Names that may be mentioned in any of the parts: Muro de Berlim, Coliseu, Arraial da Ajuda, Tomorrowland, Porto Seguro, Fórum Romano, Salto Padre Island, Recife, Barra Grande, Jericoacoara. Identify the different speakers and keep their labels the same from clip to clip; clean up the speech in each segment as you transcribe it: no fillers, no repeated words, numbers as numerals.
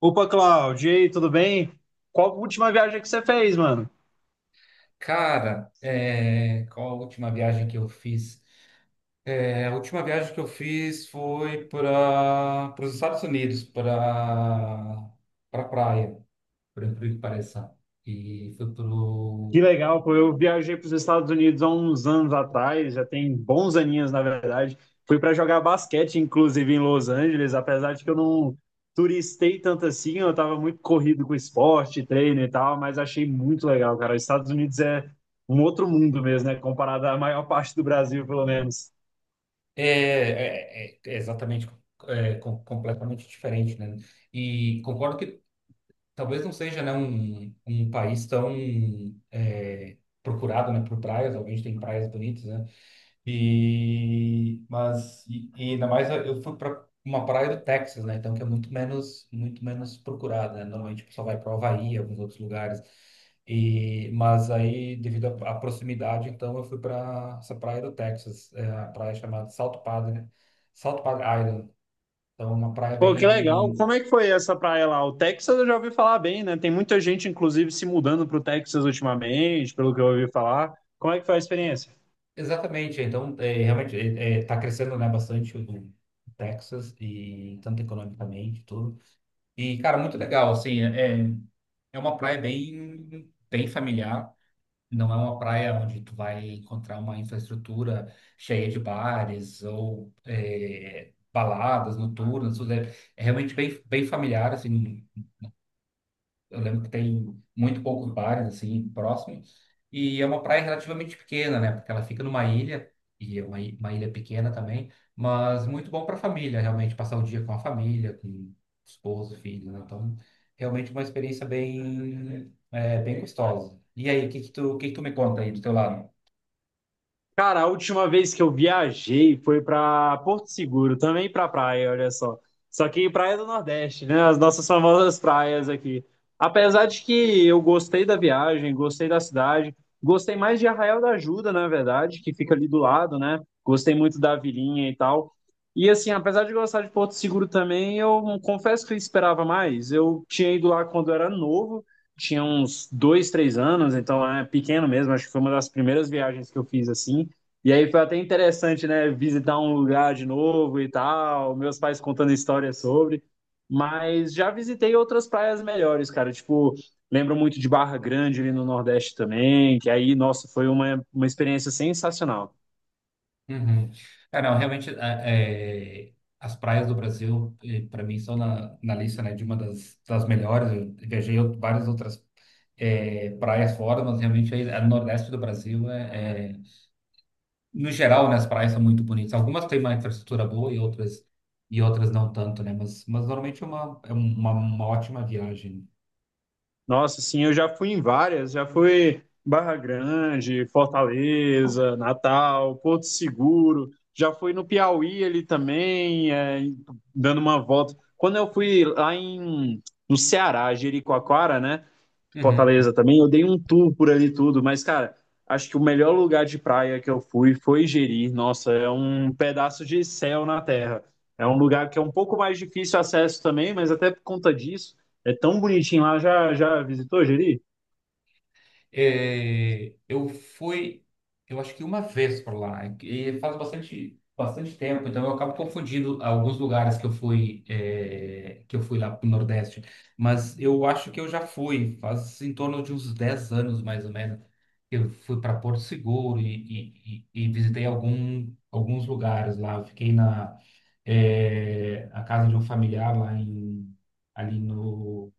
Speaker 1: Opa, Cláudio, e aí, tudo bem? Qual a última viagem que você fez, mano?
Speaker 2: Cara, qual a última viagem que eu fiz? A última viagem que eu fiz foi para os Estados Unidos, para praia, por incrível que pareça. E fui pro
Speaker 1: Que legal, pô. Eu viajei para os Estados Unidos há uns anos atrás, já tem bons aninhos, na verdade. Fui para jogar basquete, inclusive, em Los Angeles, apesar de que eu não. Turistei tanto assim, eu estava muito corrido com esporte, treino e tal, mas achei muito legal, cara. Os Estados Unidos é um outro mundo mesmo, né? Comparado à maior parte do Brasil, pelo menos.
Speaker 2: exatamente completamente diferente, né? E concordo que talvez não seja, né, um país tão é, procurado, né, por praias. Obviamente tem praias bonitas, né? E ainda mais eu fui para uma praia do Texas, né? Então que é muito menos procurada, né? Normalmente o pessoal vai para o Havaí, alguns outros lugares. E mas aí devido à proximidade, então eu fui para essa praia do Texas, é a praia chamada Salto Padre, Salto Padre Island. Então é uma praia
Speaker 1: Pô, que legal.
Speaker 2: bem.
Speaker 1: Como é que foi essa praia lá? O Texas eu já ouvi falar bem, né? Tem muita gente, inclusive, se mudando para o Texas ultimamente, pelo que eu ouvi falar. Como é que foi a experiência?
Speaker 2: Exatamente, então é, realmente está crescendo, né, bastante o Texas e tanto economicamente tudo. E cara, muito legal, assim, é uma praia bem familiar. Não é uma praia onde tu vai encontrar uma infraestrutura cheia de bares ou baladas noturnas. Tudo. É realmente bem familiar, assim, eu lembro que tem muito poucos bares assim próximos e é uma praia relativamente pequena, né? Porque ela fica numa ilha e é uma ilha pequena também, mas muito bom para família, realmente passar o dia com a família, com esposo, filho, né? Então, realmente uma experiência bem bem gostosa. E aí, o que que tu, o que que tu me conta aí do teu lado?
Speaker 1: Cara, a última vez que eu viajei foi pra Porto Seguro, também pra praia, olha só. Só que praia do Nordeste, né? As nossas famosas praias aqui. Apesar de que eu gostei da viagem, gostei da cidade, gostei mais de Arraial da Ajuda, na verdade, que fica ali do lado, né? Gostei muito da vilinha e tal. E assim, apesar de gostar de Porto Seguro também, eu confesso que eu esperava mais. Eu tinha ido lá quando era novo, tinha uns dois, três anos, então é pequeno mesmo. Acho que foi uma das primeiras viagens que eu fiz assim. E aí foi até interessante, né, visitar um lugar de novo e tal, meus pais contando histórias sobre, mas já visitei outras praias melhores, cara, tipo, lembro muito de Barra Grande ali no Nordeste também, que aí, nossa, foi uma experiência sensacional.
Speaker 2: Uhum. Não, realmente, as praias do Brasil, para mim, são na lista, né, de uma das melhores. Eu viajei várias outras praias fora, mas realmente aí, a Nordeste do Brasil, no geral, né, as praias são muito bonitas. Algumas têm uma infraestrutura boa e outras não tanto, né? Mas normalmente é uma ótima viagem.
Speaker 1: Nossa, sim, eu já fui em várias, já fui Barra Grande, Fortaleza, Natal, Porto Seguro, já fui no Piauí ali também, é, dando uma volta. Quando eu fui lá em, no Ceará, Jericoacoara, né?
Speaker 2: Uhum.
Speaker 1: Fortaleza também. Eu dei um tour por ali tudo, mas, cara, acho que o melhor lugar de praia que eu fui foi Jeri. Nossa, é um pedaço de céu na terra. É um lugar que é um pouco mais difícil acesso também, mas até por conta disso, é tão bonitinho lá. Já, já visitou Jeri?
Speaker 2: Eu fui, eu acho que uma vez por lá, e faz bastante, bastante tempo, então eu acabo confundindo alguns lugares que eu fui, que eu fui lá pro Nordeste. Mas eu acho que eu já fui, faz em torno de uns 10 anos mais ou menos. Eu fui para Porto Seguro e visitei alguns lugares lá. Eu fiquei a casa de um familiar lá ali no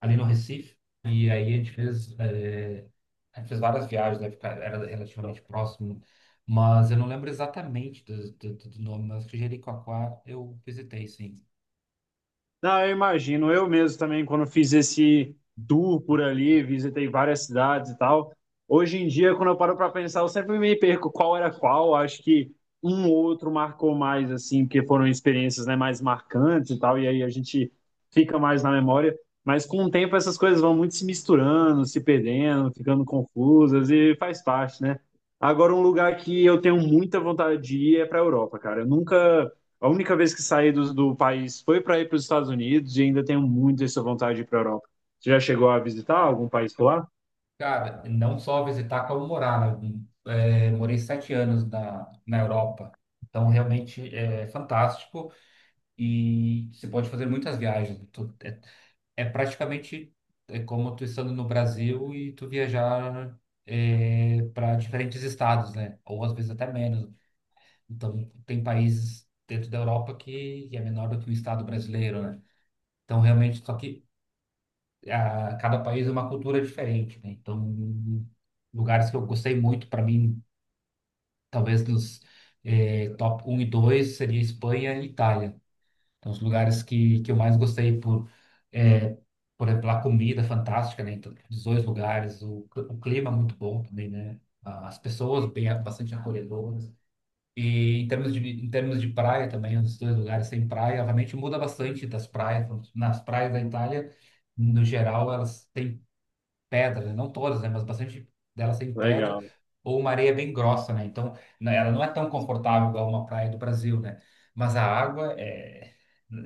Speaker 2: Recife. E aí a gente fez, a gente fez várias viagens, né? Porque era relativamente próximo, mas eu não lembro exatamente do nome, mas acho que Jericoacoara eu visitei, sim.
Speaker 1: Não, eu imagino. Eu mesmo também, quando fiz esse tour por ali, visitei várias cidades e tal. Hoje em dia, quando eu paro para pensar, eu sempre me perco qual era qual. Acho que um ou outro marcou mais, assim, porque foram experiências, né, mais marcantes e tal. E aí a gente fica mais na memória. Mas com o tempo, essas coisas vão muito se misturando, se perdendo, ficando confusas e faz parte, né? Agora, um lugar que eu tenho muita vontade de ir é para a Europa, cara. Eu nunca. A única vez que saí do país foi para ir para os Estados Unidos e ainda tenho muito essa vontade de ir para a Europa. Você já chegou a visitar algum país por lá?
Speaker 2: Cara, não só visitar, como morar, né? Morei sete anos na Europa, então realmente é fantástico. E você pode fazer muitas viagens. É praticamente é como tu estando no Brasil e tu viajar para diferentes estados, né? Ou às vezes até menos. Então, tem países dentro da Europa que, é menor do que o estado brasileiro, né? Então, realmente, só que ah, cada país é uma cultura diferente, né? Então, lugares que eu gostei muito, para mim, talvez nos eh, top um e dois, seria Espanha e Itália. Então, os lugares que eu mais gostei por, é, por exemplo, a comida fantástica, né? Então, os dois lugares, o clima é muito bom também, né? As pessoas bem, bastante acolhedoras. E em termos de, em termos de praia também, os dois lugares têm praia, obviamente muda bastante das praias. Nas praias da Itália, no geral, elas têm pedra, né? Não todas, né, mas bastante delas tem pedra
Speaker 1: Legal.
Speaker 2: ou uma areia bem grossa, né? Então, ela não é tão confortável igual uma praia do Brasil, né? Mas a água é,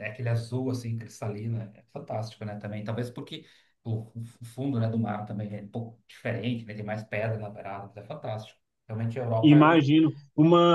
Speaker 2: é aquele azul assim cristalina, é fantástico, né? Também, talvez porque o fundo, né, do mar também é um pouco diferente, né? Tem mais pedra na beirada, mas é fantástico. Realmente a Europa é um,
Speaker 1: Imagino.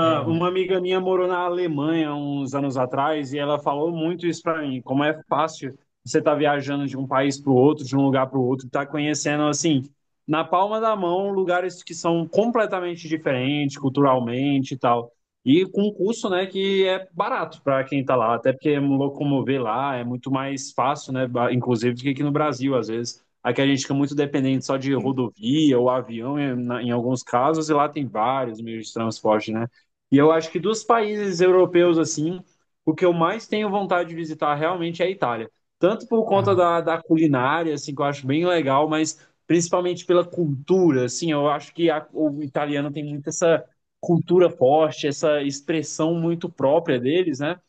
Speaker 2: é
Speaker 1: Uma
Speaker 2: um.
Speaker 1: amiga minha morou na Alemanha uns anos atrás e ela falou muito isso para mim, como é fácil você estar viajando de um país para o outro, de um lugar para o outro, estar conhecendo assim, na palma da mão, lugares que são completamente diferentes culturalmente e tal. E com um custo, né, que é barato para quem está lá, até porque locomover lá é muito mais fácil, né, inclusive do que aqui no Brasil às vezes. Aqui a gente fica muito dependente só de rodovia ou avião em alguns casos, e lá tem vários meios de transporte, né? E eu acho que dos países europeus, assim, o que eu mais tenho vontade de visitar realmente é a Itália. Tanto por conta
Speaker 2: Ah,
Speaker 1: da culinária, assim, que eu acho bem legal, mas principalmente pela cultura, assim, eu acho que o italiano tem muito essa cultura forte, essa expressão muito própria deles, né?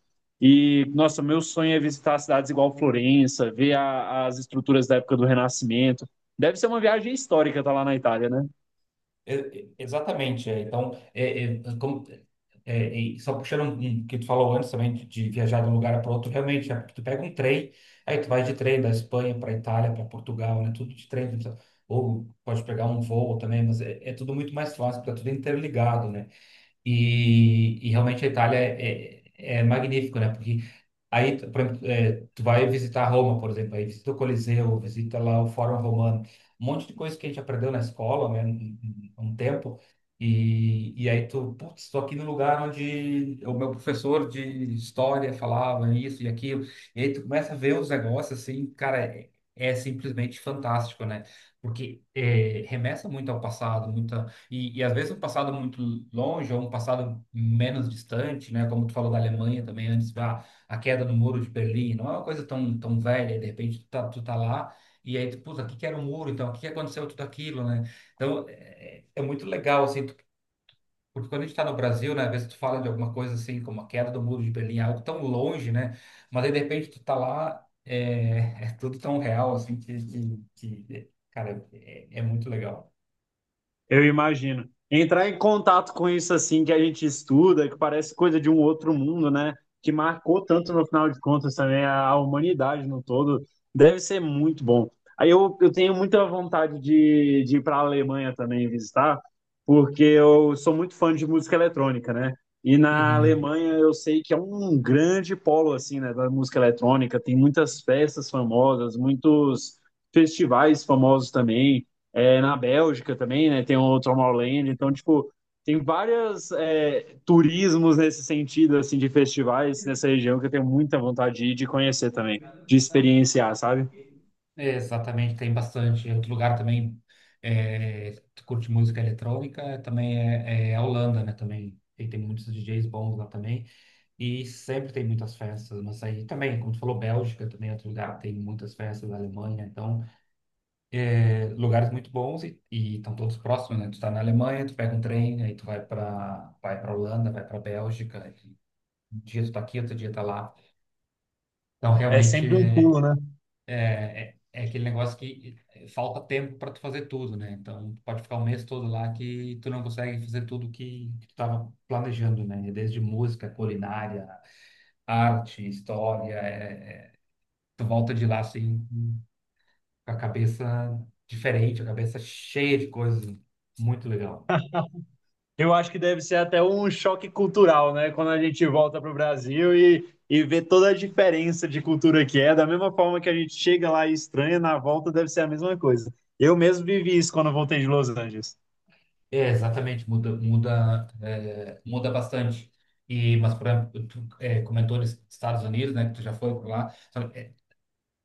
Speaker 1: E, nossa, meu sonho é visitar cidades igual Florença, ver as estruturas da época do Renascimento. Deve ser uma viagem histórica estar lá na Itália, né?
Speaker 2: Exatamente, é. Então, como, e só puxando um que tu falou antes também de viajar de um lugar para outro, realmente, é, porque tu pega um trem, aí tu vai de trem da Espanha para Itália, para Portugal, né? Tudo de trem, tu não precisa- ou pode pegar um voo também, mas é tudo muito mais fácil, porque é tudo interligado, né? E realmente a Itália é magnífico, né? Porque aí, por exemplo, tu vai visitar Roma, por exemplo, aí visita o Coliseu, visita lá o Fórum Romano, um monte de coisa que a gente aprendeu na escola, né, um tempo, e aí tu, putz, estou aqui no lugar onde o meu professor de história falava isso e aquilo, e aí tu começa a ver os negócios assim, cara, é simplesmente fantástico, né? Porque é, remessa muito ao passado, e às vezes um passado muito longe ou um passado menos distante, né? Como tu falou da Alemanha também antes, a queda do Muro de Berlim, não é uma coisa tão, tão velha, de repente tu tá lá e aí tu, puta, o que que era o muro então? O que que aconteceu tudo aquilo, né? Então, é muito legal, assim, tu- porque quando a gente tá no Brasil, né? Às vezes tu fala de alguma coisa assim, como a queda do Muro de Berlim, é algo tão longe, né? Mas aí de repente tu tá lá, é, é tudo tão real, assim, que, que cara, é muito legal.
Speaker 1: Eu imagino. Entrar em contato com isso assim que a gente estuda, que parece coisa de um outro mundo, né? Que marcou tanto no final de contas também a humanidade no todo, deve ser muito bom. Aí eu tenho muita vontade de ir para a Alemanha também visitar, porque eu sou muito fã de música eletrônica, né? E na
Speaker 2: Uhum.
Speaker 1: Alemanha eu sei que é um grande polo assim, né, da música eletrônica, tem muitas festas famosas, muitos festivais famosos também na Bélgica também, né? Tem o Tomorrowland, então, tipo, tem vários turismos nesse sentido, assim, de festivais nessa região que eu tenho muita vontade de ir, de conhecer também, de experienciar, sabe?
Speaker 2: É, exatamente, tem bastante. Outro lugar também que curte música eletrônica também é a Holanda, né? Também e tem muitos DJs bons lá também e sempre tem muitas festas. Mas aí também, como tu falou, Bélgica também é outro lugar tem muitas festas. Alemanha, então lugares muito bons e estão todos próximos, né? Tu tá na Alemanha, tu pega um trem, aí tu vai para vai para Holanda, vai para Bélgica. E um dia tu tá aqui, outro dia tá lá. Então
Speaker 1: É
Speaker 2: realmente
Speaker 1: sempre um
Speaker 2: é,
Speaker 1: pulo, né?
Speaker 2: é aquele negócio que falta tempo para tu fazer tudo, né? Então, tu pode ficar o mês todo lá que tu não consegue fazer tudo que tu estava planejando, né? Desde música, culinária, arte, história. Tu volta de lá assim, com a cabeça diferente, a cabeça cheia de coisas, né? Muito legal.
Speaker 1: Eu acho que deve ser até um choque cultural, né? Quando a gente volta para o Brasil e vê toda a diferença de cultura que é, da mesma forma que a gente chega lá e estranha, na volta deve ser a mesma coisa. Eu mesmo vivi isso quando eu voltei de Los Angeles.
Speaker 2: É, exatamente, muda, muda, muda bastante. E, mas, por exemplo, tu comentou nos Estados Unidos, né? Que tu já foi por lá.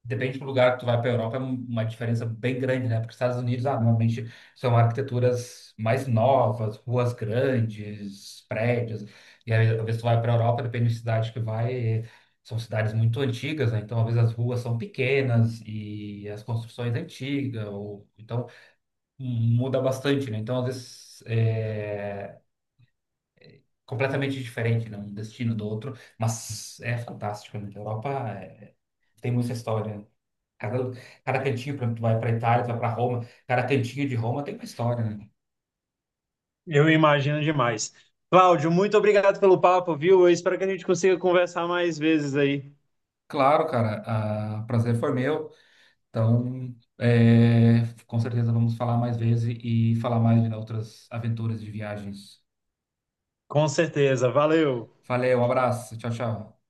Speaker 2: Depende do lugar que tu vai para a Europa, é uma diferença bem grande, né? Porque os Estados Unidos, ah, normalmente são arquiteturas mais novas, ruas grandes, prédios. E aí, às vezes tu vai para a Europa, depende da cidade que vai, são cidades muito antigas, né? Então, às vezes as ruas são pequenas e as construções antigas, ou, então muda bastante, né? Então, às vezes é completamente diferente, né? Um destino do outro, mas é fantástico, né? A Europa é- tem muita história, né? Cada, cada cantinho, por exemplo, tu vai para Itália, tu vai para Roma, cada cantinho de Roma tem uma história, né?
Speaker 1: Eu imagino demais. Cláudio, muito obrigado pelo papo, viu? Eu espero que a gente consiga conversar mais vezes aí.
Speaker 2: Claro, cara, o prazer foi meu. Então, com certeza vamos falar mais vezes e falar mais de outras aventuras de viagens.
Speaker 1: Com certeza. Valeu.
Speaker 2: Valeu, um abraço, tchau, tchau.